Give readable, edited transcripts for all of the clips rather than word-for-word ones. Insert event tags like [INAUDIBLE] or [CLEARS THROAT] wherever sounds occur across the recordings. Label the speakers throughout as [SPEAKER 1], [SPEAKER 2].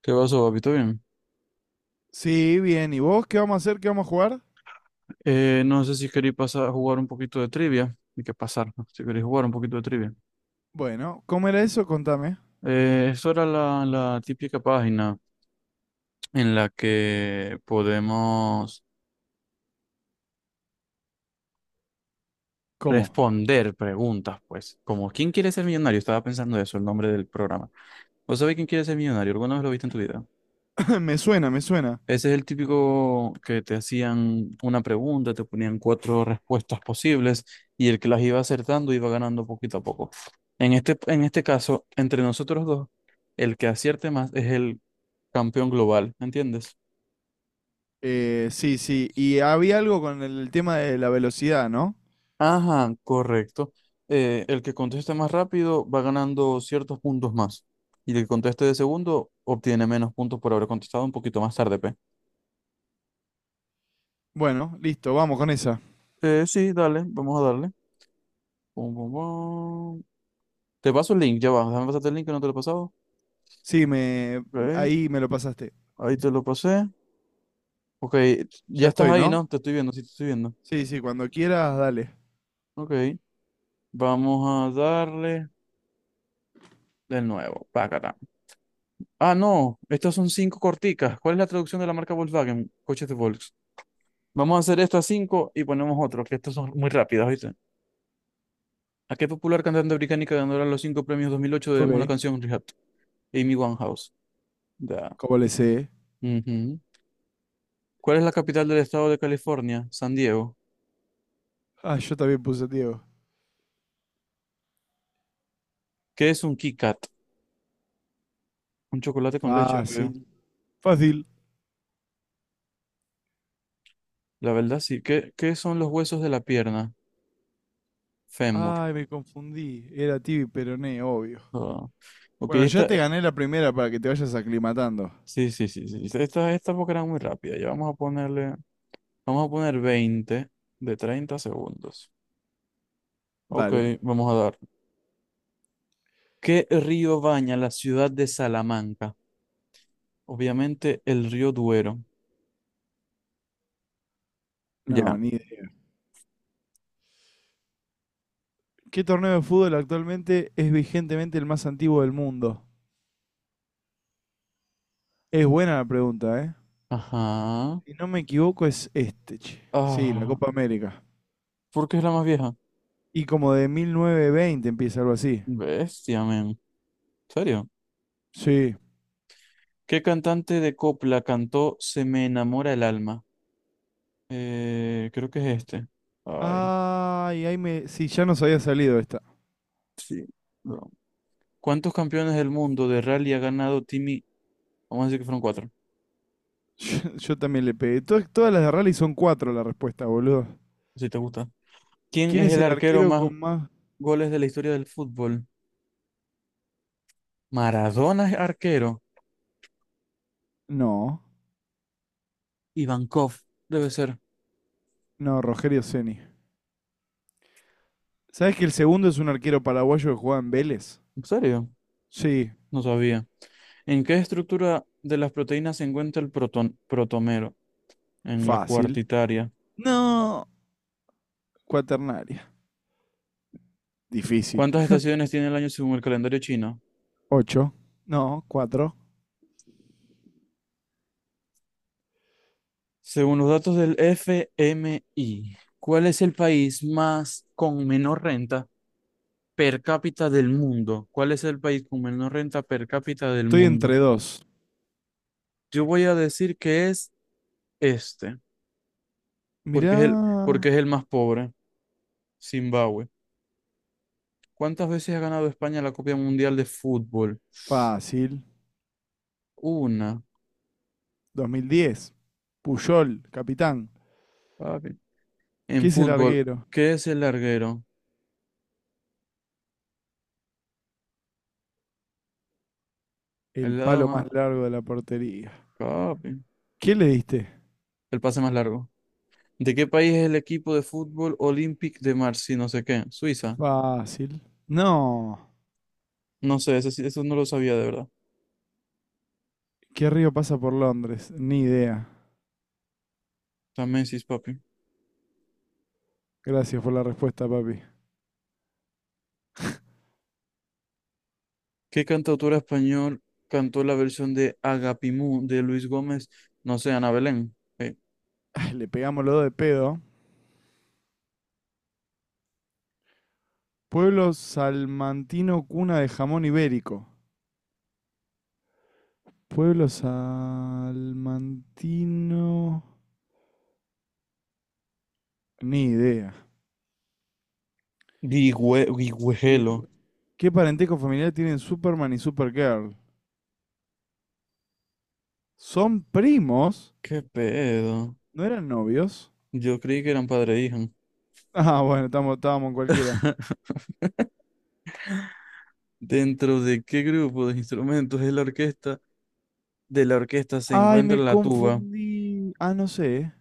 [SPEAKER 1] ¿Qué pasó, papito? Bien.
[SPEAKER 2] Sí, bien. ¿Y vos qué vamos a hacer? ¿Qué vamos a jugar?
[SPEAKER 1] No sé si queréis pasar a jugar un poquito de trivia. Hay que pasar, ¿no? Si queréis jugar un poquito de trivia.
[SPEAKER 2] Bueno, ¿cómo era eso? Contame.
[SPEAKER 1] Eso era la típica página en la que podemos
[SPEAKER 2] ¿Cómo?
[SPEAKER 1] responder preguntas, pues. Como ¿quién quiere ser millonario? Estaba pensando eso, el nombre del programa. ¿Vos sabés quién quiere ser millonario? ¿Alguna vez lo viste en tu vida?
[SPEAKER 2] [CLEARS THROAT] [LAUGHS] Me suena, me suena.
[SPEAKER 1] Ese es el típico que te hacían una pregunta, te ponían cuatro respuestas posibles y el que las iba acertando iba ganando poquito a poco. En este caso, entre nosotros dos, el que acierte más es el campeón global, ¿entiendes?
[SPEAKER 2] Sí, sí. Y había algo con el tema de la velocidad, ¿no?
[SPEAKER 1] Ajá, correcto. El que conteste más rápido va ganando ciertos puntos más. Y el que conteste de segundo obtiene menos puntos por haber contestado un poquito más tarde, P.
[SPEAKER 2] Bueno, listo, vamos con esa.
[SPEAKER 1] Sí, dale, vamos a darle. Pum, pum, pum. Te paso el link, ya va. Déjame pasarte el link que no te lo he pasado.
[SPEAKER 2] Sí,
[SPEAKER 1] Ok,
[SPEAKER 2] ahí me lo pasaste.
[SPEAKER 1] ahí te lo pasé. Ok, ya
[SPEAKER 2] Ya
[SPEAKER 1] estás
[SPEAKER 2] estoy,
[SPEAKER 1] ahí,
[SPEAKER 2] ¿no?
[SPEAKER 1] ¿no? Te estoy viendo, sí te estoy viendo.
[SPEAKER 2] Sí, sí, cuando quieras, dale.
[SPEAKER 1] Ok, vamos a darle de nuevo. Pácata. Ah, no, estas son cinco corticas. ¿Cuál es la traducción de la marca Volkswagen? Coches de Volks. Vamos a hacer estas cinco y ponemos otro, que estas son muy rápidas, ¿viste? ¿A qué popular cantante británica ganadora de los cinco premios 2008
[SPEAKER 2] Ok.
[SPEAKER 1] debemos la canción Rehab? Amy Winehouse. Da.
[SPEAKER 2] ¿Cómo le sé?
[SPEAKER 1] Ujú. ¿Cuál es la capital del estado de California? San Diego.
[SPEAKER 2] Ah, yo también puse Diego.
[SPEAKER 1] ¿Qué es un Kit Kat? Un chocolate con leche, obvio.
[SPEAKER 2] Fácil. Fácil.
[SPEAKER 1] La verdad, sí. ¿Qué son los huesos de la pierna? Fémur.
[SPEAKER 2] Ay, me confundí. Era Tibi Peroné, obvio.
[SPEAKER 1] Ah, ok,
[SPEAKER 2] Bueno, ya
[SPEAKER 1] esta.
[SPEAKER 2] te gané la primera para que te vayas aclimatando.
[SPEAKER 1] Sí, sí, sí, sí, sí, esta porque era muy rápida. Ya vamos a ponerle. Vamos a poner 20 de 30 segundos. Ok,
[SPEAKER 2] Dale.
[SPEAKER 1] vamos a dar. ¿Qué río baña la ciudad de Salamanca? Obviamente el río Duero. Ya.
[SPEAKER 2] No, ni idea. ¿Qué torneo de fútbol actualmente es vigentemente el más antiguo del mundo? Es buena la pregunta, ¿eh?
[SPEAKER 1] Ajá.
[SPEAKER 2] Si no me equivoco es este, che. Sí, la
[SPEAKER 1] Ah,
[SPEAKER 2] Copa América.
[SPEAKER 1] ¿por qué es la más vieja?
[SPEAKER 2] Y como de 1920 empieza algo así.
[SPEAKER 1] Bestia, men. ¿En serio?
[SPEAKER 2] Sí.
[SPEAKER 1] ¿Qué cantante de copla cantó Se me enamora el alma? Creo que es este. Ay,
[SPEAKER 2] Ay, ahí me. Sí, ya nos había salido esta.
[SPEAKER 1] sí, bro. ¿Cuántos campeones del mundo de rally ha ganado Timmy? Vamos a decir que fueron cuatro,
[SPEAKER 2] [LAUGHS] Yo también le pegué. Todas las de rally son cuatro la respuesta, boludo.
[SPEAKER 1] si te gusta. ¿Quién
[SPEAKER 2] ¿Quién
[SPEAKER 1] es
[SPEAKER 2] es
[SPEAKER 1] el
[SPEAKER 2] el
[SPEAKER 1] arquero
[SPEAKER 2] arquero
[SPEAKER 1] más
[SPEAKER 2] con más?
[SPEAKER 1] goles de la historia del fútbol? Maradona es arquero.
[SPEAKER 2] No,
[SPEAKER 1] Ivankov debe ser.
[SPEAKER 2] no, Rogerio Ceni. ¿Sabes que el segundo es un arquero paraguayo que juega en Vélez?
[SPEAKER 1] ¿En serio?
[SPEAKER 2] Sí,
[SPEAKER 1] No sabía. ¿En qué estructura de las proteínas se encuentra el protomero? En la
[SPEAKER 2] fácil.
[SPEAKER 1] cuartitaria.
[SPEAKER 2] No. Cuaternaria. Difícil.
[SPEAKER 1] ¿Cuántas estaciones tiene el año según el calendario chino?
[SPEAKER 2] 8. No, cuatro.
[SPEAKER 1] Según los datos del FMI, ¿cuál es el país más con menor renta per cápita del mundo? ¿Cuál es el país con menor renta per cápita del
[SPEAKER 2] Estoy
[SPEAKER 1] mundo?
[SPEAKER 2] entre dos.
[SPEAKER 1] Yo voy a decir que es este, porque
[SPEAKER 2] Mirá.
[SPEAKER 1] es el, porque es el más pobre, Zimbabue. ¿Cuántas veces ha ganado España la Copa Mundial de Fútbol?
[SPEAKER 2] Fácil.
[SPEAKER 1] Una,
[SPEAKER 2] 2010. Puyol, capitán.
[SPEAKER 1] papi. En
[SPEAKER 2] ¿Qué es el
[SPEAKER 1] fútbol,
[SPEAKER 2] larguero?
[SPEAKER 1] ¿qué es el larguero?
[SPEAKER 2] El
[SPEAKER 1] El lado
[SPEAKER 2] palo
[SPEAKER 1] más,
[SPEAKER 2] más largo de la portería.
[SPEAKER 1] papi.
[SPEAKER 2] ¿Qué le diste?
[SPEAKER 1] El pase más largo. ¿De qué país es el equipo de fútbol Olympique de Marseille? No sé qué. Suiza.
[SPEAKER 2] Fácil. No.
[SPEAKER 1] No sé, eso, eso no lo sabía de verdad.
[SPEAKER 2] ¿Qué río pasa por Londres? Ni idea.
[SPEAKER 1] También sí, papi.
[SPEAKER 2] Gracias por la respuesta, papi.
[SPEAKER 1] ¿Qué cantautora español cantó la versión de Agapimú de Luis Gómez? No sé, Ana Belén.
[SPEAKER 2] Ay, le pegamos los dos de pedo. Pueblo salmantino, cuna de jamón ibérico. Pueblo salmantino. Ni idea.
[SPEAKER 1] Guigüelo.
[SPEAKER 2] Hijo. ¿Qué parentesco familiar tienen Superman y Supergirl? ¿Son primos?
[SPEAKER 1] ¿Qué pedo?
[SPEAKER 2] ¿No eran novios? [LAUGHS]
[SPEAKER 1] Yo creí que eran padre e hija.
[SPEAKER 2] Ah, bueno, estamos, estábamos en cualquiera.
[SPEAKER 1] [LAUGHS] ¿Dentro de qué grupo de instrumentos es la orquesta? De la orquesta se
[SPEAKER 2] Ay,
[SPEAKER 1] encuentra
[SPEAKER 2] me
[SPEAKER 1] la tuba.
[SPEAKER 2] confundí. Ah, no sé.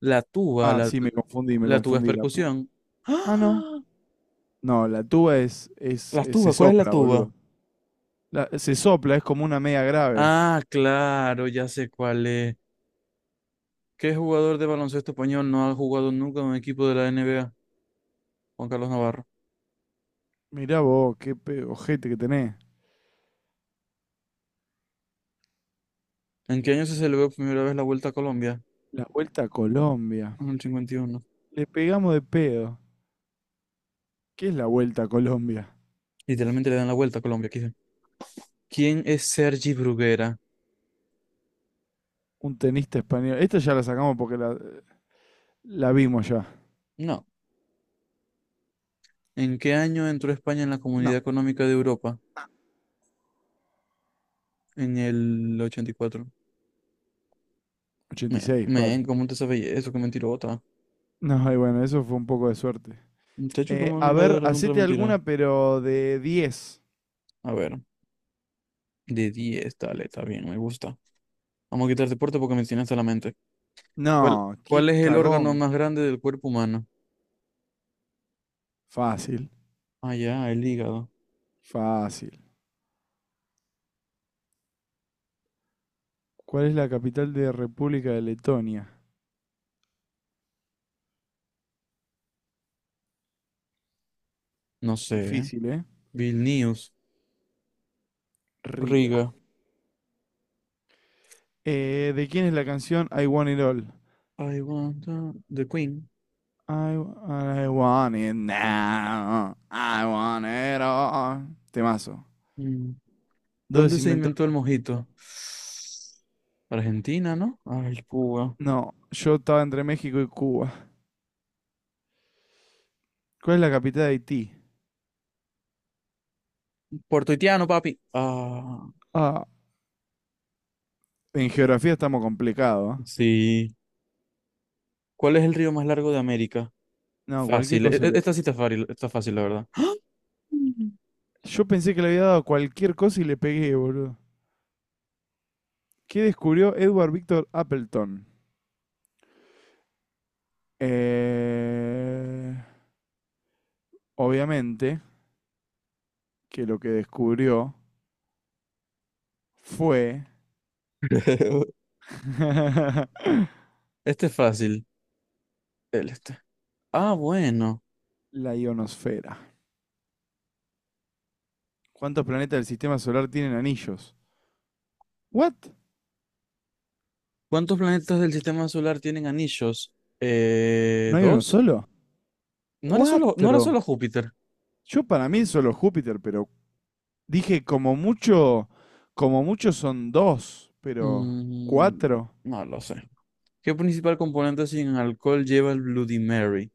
[SPEAKER 1] La tuba,
[SPEAKER 2] Ah,
[SPEAKER 1] la,
[SPEAKER 2] sí, me
[SPEAKER 1] la tuba es
[SPEAKER 2] confundí la puta.
[SPEAKER 1] percusión.
[SPEAKER 2] Ah, no.
[SPEAKER 1] ¡Ah!
[SPEAKER 2] No, la tuba
[SPEAKER 1] La
[SPEAKER 2] se
[SPEAKER 1] tuba, ¿cuál es la
[SPEAKER 2] sopla,
[SPEAKER 1] tuba?
[SPEAKER 2] boludo. La- se sopla, es como una media grave.
[SPEAKER 1] Ah, claro, ya sé cuál es. ¿Qué jugador de baloncesto español no ha jugado nunca en un equipo de la NBA? Juan Carlos Navarro.
[SPEAKER 2] Mirá vos, qué ojete que tenés.
[SPEAKER 1] ¿En qué año se celebró por primera vez la Vuelta a Colombia?
[SPEAKER 2] La
[SPEAKER 1] Eh,
[SPEAKER 2] vuelta a Colombia.
[SPEAKER 1] En el 51.
[SPEAKER 2] Le pegamos de pedo. ¿Qué es la vuelta a Colombia?
[SPEAKER 1] Literalmente le dan la vuelta a Colombia, aquí. ¿Quién es Sergi Bruguera?
[SPEAKER 2] Un tenista español. Esta ya la sacamos porque la vimos ya.
[SPEAKER 1] No. ¿En qué año entró España en la
[SPEAKER 2] No.
[SPEAKER 1] Comunidad Económica de Europa? En el 84.
[SPEAKER 2] ochenta
[SPEAKER 1] Me,
[SPEAKER 2] y seis papi.
[SPEAKER 1] men, ¿cómo te sabes eso? Qué mentirota.
[SPEAKER 2] No, y bueno, eso fue un poco de suerte.
[SPEAKER 1] Muchacho, ¿cómo
[SPEAKER 2] A
[SPEAKER 1] no
[SPEAKER 2] ver,
[SPEAKER 1] de contra
[SPEAKER 2] hacete
[SPEAKER 1] mentira?
[SPEAKER 2] alguna, pero de 10.
[SPEAKER 1] A ver, de 10, dale, está bien, me gusta. Vamos a quitar deporte porque me tiene hasta la mente. ¿Cuál,
[SPEAKER 2] No, qué
[SPEAKER 1] cuál es el órgano
[SPEAKER 2] cagón.
[SPEAKER 1] más grande del cuerpo humano?
[SPEAKER 2] Fácil,
[SPEAKER 1] Ah, ya, el hígado.
[SPEAKER 2] fácil. ¿Cuál es la capital de República de Letonia?
[SPEAKER 1] No sé, ¿eh?
[SPEAKER 2] Difícil, ¿eh?
[SPEAKER 1] Vilnius.
[SPEAKER 2] Riga.
[SPEAKER 1] Riga.
[SPEAKER 2] ¿De quién es la canción I Want It All?
[SPEAKER 1] I want to- The Queen.
[SPEAKER 2] I, I want it now. I want it all. Temazo.
[SPEAKER 1] Mm.
[SPEAKER 2] ¿Dónde
[SPEAKER 1] ¿Dónde
[SPEAKER 2] se
[SPEAKER 1] se
[SPEAKER 2] inventó el
[SPEAKER 1] inventó el mojito?
[SPEAKER 2] mojito?
[SPEAKER 1] Argentina, ¿no? Ay, Cuba.
[SPEAKER 2] No, yo estaba entre México y Cuba. ¿Cuál es la capital de Haití?
[SPEAKER 1] Puertorriqueño, papi. Ah,
[SPEAKER 2] Ah, en geografía estamos complicados, ¿eh?
[SPEAKER 1] sí. ¿Cuál es el río más largo de América?
[SPEAKER 2] No, cualquier
[SPEAKER 1] Fácil.
[SPEAKER 2] cosa le
[SPEAKER 1] Esta
[SPEAKER 2] di.
[SPEAKER 1] sí está fácil, la verdad.
[SPEAKER 2] Yo pensé que le había dado cualquier cosa y le pegué, boludo. ¿Qué descubrió Edward Victor Appleton? Eh, obviamente que lo que descubrió fue
[SPEAKER 1] [LAUGHS]
[SPEAKER 2] [LAUGHS]
[SPEAKER 1] Este es fácil. El este. Ah, bueno.
[SPEAKER 2] la ionosfera. ¿Cuántos planetas del sistema solar tienen anillos? ¿What?
[SPEAKER 1] ¿Cuántos planetas del sistema solar tienen anillos?
[SPEAKER 2] ¿No hay uno
[SPEAKER 1] ¿Dos?
[SPEAKER 2] solo?
[SPEAKER 1] No era solo, no era
[SPEAKER 2] Cuatro.
[SPEAKER 1] solo Júpiter.
[SPEAKER 2] Yo para mí es solo Júpiter, pero dije, como mucho son dos, pero
[SPEAKER 1] Mm,
[SPEAKER 2] cuatro.
[SPEAKER 1] no lo sé. ¿Qué principal componente sin alcohol lleva el Bloody Mary?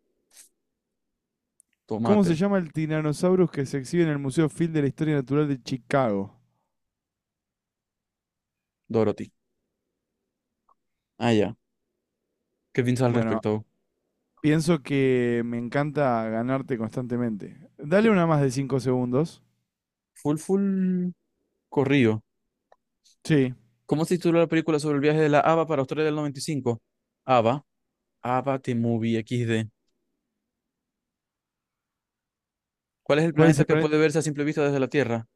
[SPEAKER 2] ¿Cómo se
[SPEAKER 1] Tomate.
[SPEAKER 2] llama el Tyrannosaurus que se exhibe en el Museo Field de la Historia Natural de Chicago?
[SPEAKER 1] Dorothy. Ah, ya. ¿Qué piensas al
[SPEAKER 2] Bueno,
[SPEAKER 1] respecto?
[SPEAKER 2] pienso que me encanta ganarte constantemente. Dale una más de 5 segundos.
[SPEAKER 1] Full, full corrido.
[SPEAKER 2] Sí.
[SPEAKER 1] ¿Cómo se tituló la película sobre el viaje de la Ava para Australia del 95? Ava. Ava The Movie XD. ¿Cuál es el
[SPEAKER 2] ¿Cuál es
[SPEAKER 1] planeta
[SPEAKER 2] el
[SPEAKER 1] que
[SPEAKER 2] planeta?
[SPEAKER 1] puede verse a simple vista desde la Tierra?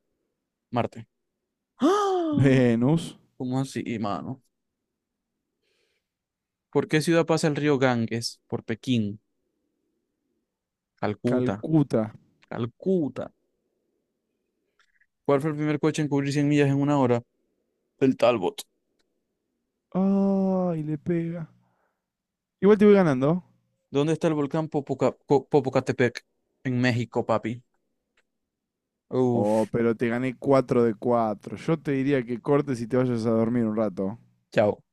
[SPEAKER 1] Marte. [GASPS] ¡Ah!
[SPEAKER 2] Venus.
[SPEAKER 1] ¿Cómo así, mano? ¿Por qué ciudad pasa el río Ganges? Por Pekín, Calcuta,
[SPEAKER 2] Calcuta.
[SPEAKER 1] Calcuta. ¿Cuál fue el primer coche en cubrir 100 millas en una hora? El Talbot.
[SPEAKER 2] Ay, le pega. Igual te voy ganando.
[SPEAKER 1] ¿Dónde está el volcán Popocatepec? En México, papi.
[SPEAKER 2] Oh,
[SPEAKER 1] Uf,
[SPEAKER 2] pero te gané cuatro de cuatro. Yo te diría que cortes y te vayas a dormir un rato.
[SPEAKER 1] chao.